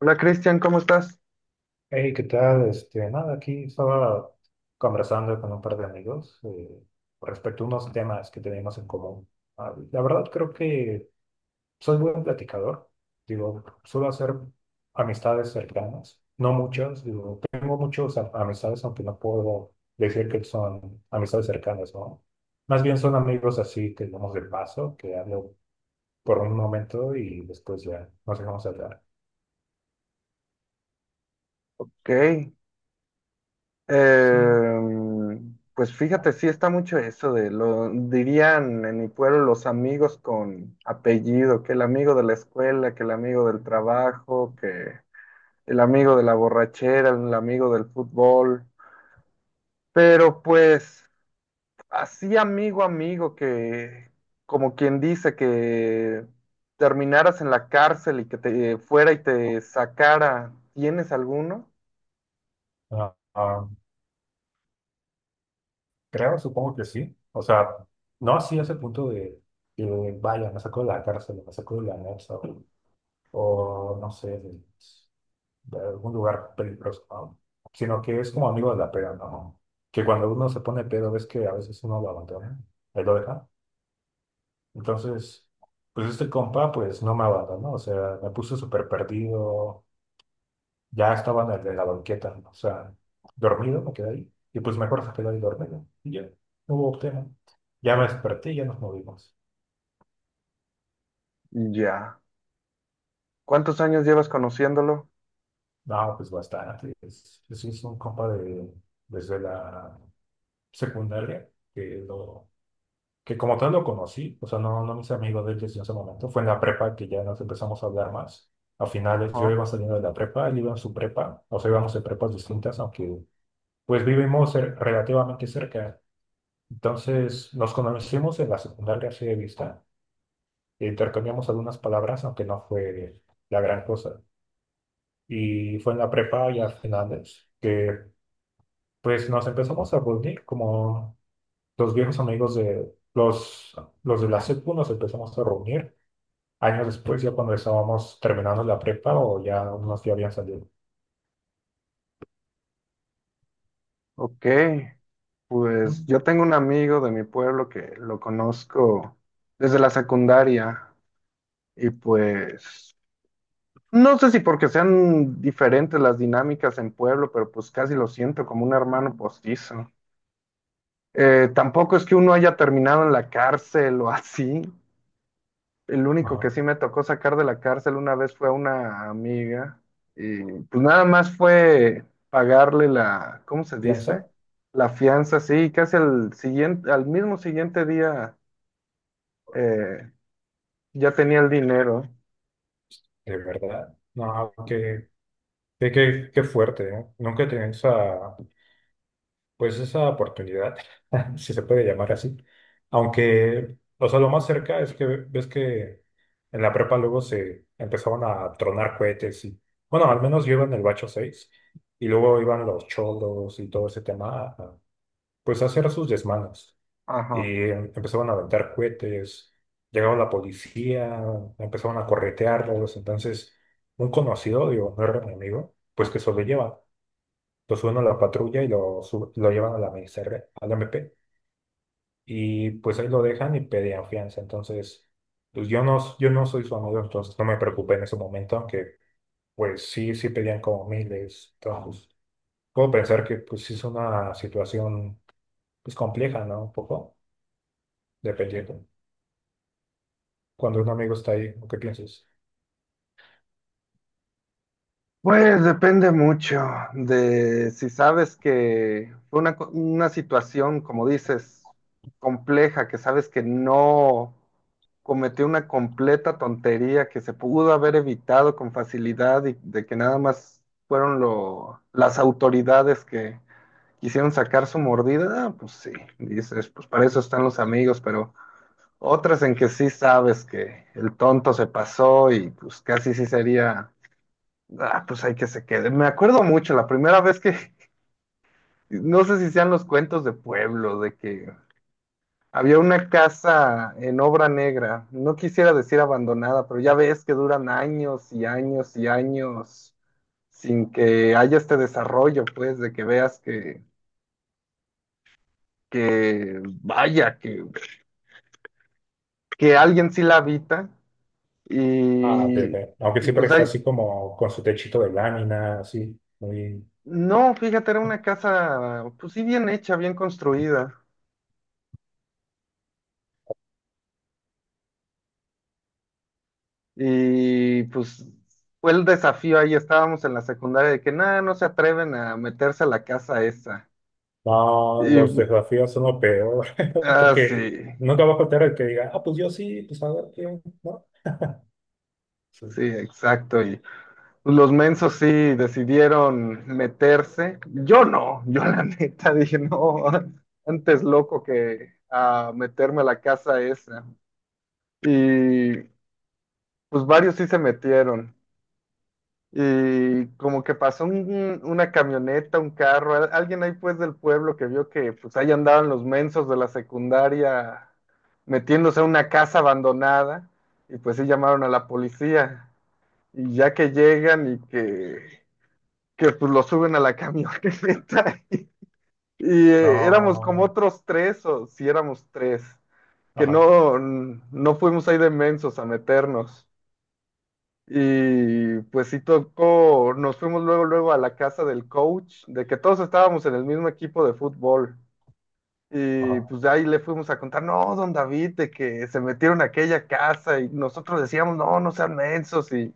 Hola Cristian, ¿cómo estás? Hey, ¿qué tal? Este, nada, aquí estaba conversando con un par de amigos respecto a unos temas que tenemos en común. Ah, la verdad creo que soy buen platicador, digo, suelo hacer amistades cercanas, no muchas, digo, tengo muchas amistades, aunque no puedo decir que son amistades cercanas, ¿no? Más bien son amigos así que vamos de paso, que hablo por un momento y después ya nos dejamos hablar. Ok. Sí. Pues fíjate, sí está mucho eso de lo dirían en mi pueblo los amigos con apellido, que el amigo de la escuela, que el amigo del trabajo, que el amigo de la borrachera, el amigo del fútbol. Pero pues así amigo, amigo, que como quien dice que terminaras en la cárcel y que te fuera y te sacara, ¿tienes alguno? Ah, ah, Creo, supongo que sí. O sea, no así a ese punto de que vaya, me sacó de la cárcel, me sacó de la NASA o, no sé, de algún lugar peligroso, ¿no? Sino que es como amigo de la pera, ¿no? Que cuando uno se pone pedo, ves que a veces uno lo abandona, él lo deja. Entonces, pues este compa, pues no me abandonó, o sea, me puso súper perdido, ya estaba en la banqueta, ¿no? O sea, dormido me quedé ahí. Y pues mejor se quedó ahí dormido. Y ya, no hubo tema. Ya me desperté y ya nos movimos. Ya. ¿Cuántos años llevas conociéndolo? No, pues bastante. Es un compa de, desde la secundaria, que, lo, que como tal lo conocí, o sea, no, no mis amigos de él desde ese momento. Fue en la prepa que ya nos empezamos a hablar más. A finales yo Ajá. iba saliendo de la prepa, él iba en su prepa, o sea, íbamos en prepas distintas, aunque pues vivimos relativamente cerca. Entonces, nos conocimos en la secundaria así de vista, e intercambiamos algunas palabras, aunque no fue la gran cosa. Y fue en la prepa ya finales que pues nos empezamos a reunir como los viejos amigos de los de la secu, nos empezamos a reunir años después, ya cuando estábamos terminando la prepa o ya unos ya habían salido. Ok, pues Mm. yo tengo un amigo de mi pueblo que lo conozco desde la secundaria y pues no sé si porque sean diferentes las dinámicas en pueblo, pero pues casi lo siento como un hermano postizo. Tampoco es que uno haya terminado en la cárcel o así. El único que Ajá. sí me tocó sacar de la cárcel una vez fue a una amiga y pues nada más fue pagarle la, ¿cómo se dice? Piensa, La fianza, sí, y casi al siguiente, al mismo siguiente día eh, ya tenía el dinero. de verdad. No, qué fuerte, ¿eh? Nunca tenía esa, pues esa oportunidad, si se puede llamar así. Aunque, o sea, lo más cerca es que ves que en la prepa luego se empezaban a tronar cohetes y, bueno, al menos yo iba en el bacho 6 y luego iban los cholos y todo ese tema, a pues, hacer sus desmanes. Ajá. Y empezaban a aventar cohetes, llegaba la policía, empezaban a corretearlos. Entonces, un conocido, digo, no era mi amigo, pues que sobrelleva. Lo suben a la patrulla y lo llevan a la MSR, al MP. Y pues ahí lo dejan y pedían fianza. Entonces, pues yo no soy su amigo, entonces no me preocupé en ese momento, aunque pues sí, sí pedían como miles. Entonces, puedo pensar que pues sí es una situación pues compleja, ¿no? Un poco, dependiendo. Cuando un amigo está ahí, ¿qué piensas? Pues depende mucho de si sabes que fue una, una situación, como dices, compleja, que sabes que no cometió una completa tontería que se pudo haber evitado con facilidad y de que nada más fueron lo, las autoridades que quisieron sacar su mordida. Ah, pues sí, dices, pues para eso están los amigos, pero otras en que sí sabes que el tonto se pasó y pues casi sí sería: ah, pues hay que se quede. Me acuerdo mucho la primera vez que, no sé si sean los cuentos de pueblo, de que había una casa en obra negra, no quisiera decir abandonada, pero ya ves que duran años y años y años sin que haya este desarrollo, pues, de que veas que vaya, que alguien sí la habita. Ah, ok, Y, ok. Aunque y siempre pues está hay, así como con su techito de lámina, así, muy. no, fíjate, era una casa, pues sí, bien hecha, bien construida. Y pues fue el desafío ahí, estábamos en la secundaria de que nada, no se atreven a meterse a la casa esa. No, los Y desafíos son lo peor, ah, sí, porque nunca va a faltar el que diga, ah, pues yo sí, pues a ver, ¿qué?, ¿no? Sí. sí, exacto. Y los mensos sí decidieron meterse. Yo no, yo la neta dije, no, antes loco que a meterme a la casa esa. Y pues varios sí se metieron. Y como que pasó una camioneta, un carro, alguien ahí pues del pueblo que vio que pues ahí andaban los mensos de la secundaria metiéndose a una casa abandonada y pues sí llamaron a la policía y ya que llegan y que pues lo suben a la camioneta. Y éramos como No, otros 3 o si éramos 3, que ajá, no, no fuimos ahí de mensos a meternos. Y pues sí tocó, nos fuimos luego, luego a la casa del coach, de que todos estábamos en el mismo equipo de fútbol. Y ajá. pues de ahí le fuimos a contar, no, don David, de que se metieron a aquella casa y nosotros decíamos, no, no sean mensos. Y,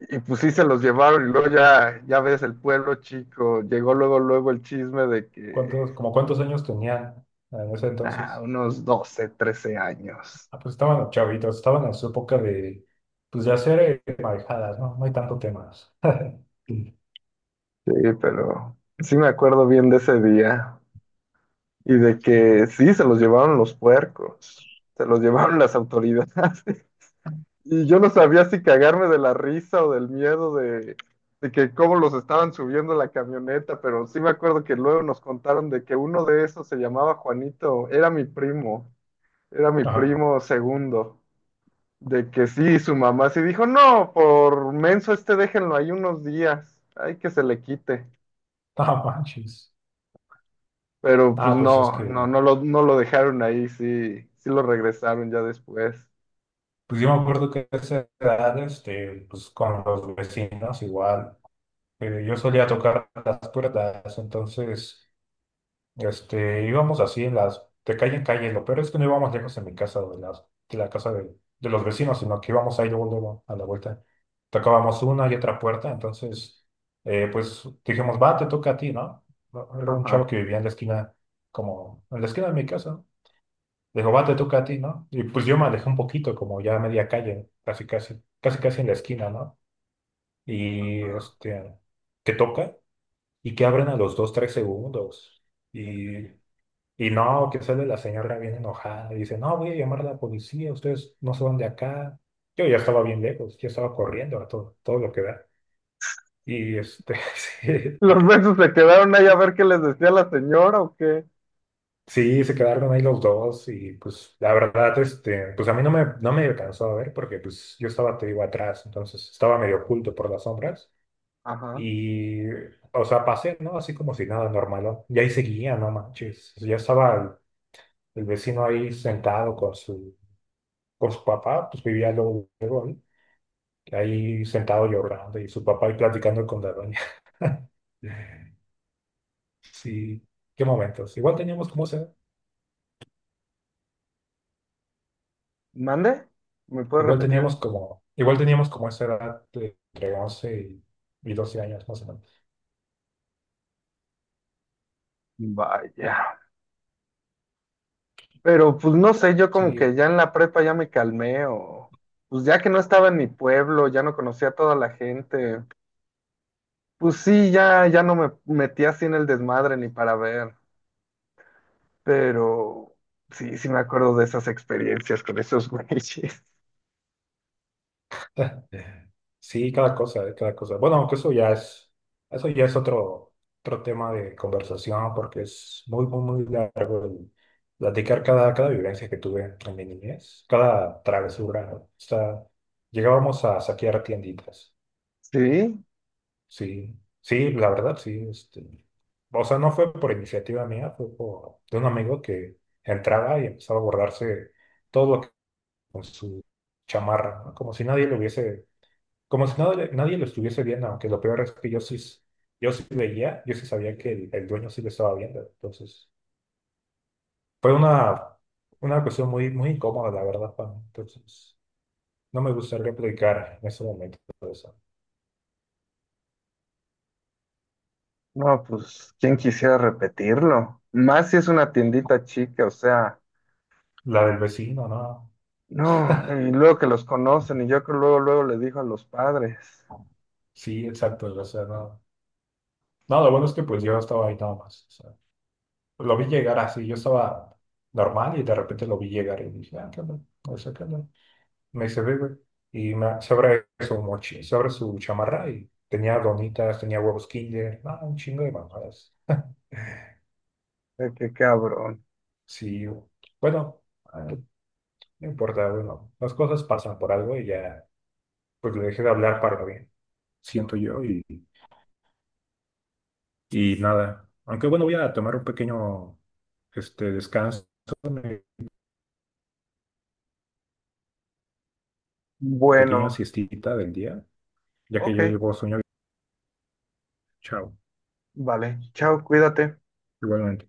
y pues sí se los llevaron y luego ya, ya ves el pueblo chico, llegó luego, luego el chisme de que, ¿Como cuántos años tenían en ese ah, entonces? unos 12 13 años. Ah, pues estaban chavitos, estaban en su época de, pues de hacer marejadas, ¿no? No hay tanto temas. Sí, pero sí me acuerdo bien de ese día. Y de que sí, se los llevaron los puercos, se los llevaron las autoridades. Y yo no sabía si cagarme de la risa o del miedo de que cómo los estaban subiendo a la camioneta, pero sí me acuerdo que luego nos contaron de que uno de esos se llamaba Juanito, era mi Ajá, primo segundo, de que sí, su mamá sí dijo, no, por menso este déjenlo ahí unos días, ay, que se le quite. ah, manches. Pero pues Ah, pues es no, que, no, no lo, no lo dejaron ahí, sí, sí lo regresaron ya después. pues yo me acuerdo que a esa edad, este, pues con los vecinos igual. Yo solía tocar las puertas, entonces este, íbamos así de calle en calle. Lo peor es que no íbamos lejos de mi casa o de la casa de los vecinos, sino que íbamos ahí luego, luego a la vuelta. Tocábamos una y otra puerta, entonces pues dijimos, va, te toca a ti, ¿no? No. Era un chavo Ajá, que vivía en la esquina, como en la esquina de mi casa. Dijo, va, te toca a ti, ¿no? Y pues yo me alejé un poquito, como ya a media calle, casi, casi, casi, casi en la esquina, ¿no? Y ajá. este, que toca y que abren a los dos, tres segundos. Y, y O no, sea, que sale la señora bien enojada, y dice, no, voy a llamar a la policía, ustedes no se van de acá. Yo ya estaba bien lejos, yo estaba corriendo a todo, todo lo que da. Y este, sí, ¿los besos se quedaron ahí a ver qué les decía la señora o qué? sí, se quedaron ahí los dos y pues la verdad, este, pues a mí no me alcanzó a ver porque pues yo estaba, te digo, atrás, entonces estaba medio oculto por las sombras Ajá. y, o sea, pasé, ¿no? Así como si nada normal, ¿no? Y ahí seguía, no manches, ya estaba el vecino ahí sentado con su papá, pues vivía luego, luego ahí, sentado llorando y su papá ahí platicando con la doña. Sí, qué momentos. Igual teníamos como esa edad, ¿Mande? ¿Me puedes repetir? Igual teníamos como esa edad de entre 11 y 12 años más o menos. Vaya. Pero pues no sé, yo Sí. como que ya en la prepa ya me calmé o pues ya que no estaba en mi pueblo, ya no conocía a toda la gente. Pues sí, ya, ya no me metí así en el desmadre ni para ver. Pero sí, sí me acuerdo de esas experiencias con esos güeyes. Eh, Sí, cada cosa, cada cosa. Bueno, aunque eso ya es otro tema de conversación porque es muy, muy, muy largo el platicar cada vivencia que tuve en mi niñez, cada travesura. O sea, llegábamos a saquear tienditas. Sí, Sí, sí, la verdad, sí. Este, o sea, no fue por iniciativa mía, fue de un amigo que entraba y empezaba a borrarse todo lo que con su chamarra, ¿no? Como si nadie lo estuviese viendo, aunque lo peor es que yo sí, yo sí veía, yo sí sabía que el dueño sí lo estaba viendo. Entonces, fue una cuestión muy, muy incómoda, la verdad, para mí. Entonces, no me gustaría platicar en ese momento eso. no, pues, ¿quién quisiera repetirlo? Más si es una tiendita chica, o sea, La del vecino, ¿no? no, y luego que los conocen, y yo creo luego, luego le dijo a los padres. Sí, exacto. O sea, no. No, lo bueno es que pues yo estaba ahí nada más. O sea, lo vi llegar así, yo estaba normal y de repente lo vi llegar y dije, ah, qué onda, o sea, qué onda. Me dice, ve, güey. Y me, sobre eso, sobre su chamarra y tenía donitas, tenía huevos Kinder, no, un chingo de mamadas. Qué cabrón. Sí, bueno, eh, no importa, bueno, las cosas pasan por algo y ya, pues le dejé de hablar para lo bien, siento yo, y nada. Aunque bueno, voy a tomar un pequeño este, descanso, una pequeña Bueno, siestita del día, ya que ok, yo llevo sueño. Chao, vale, chao, cuídate. igualmente.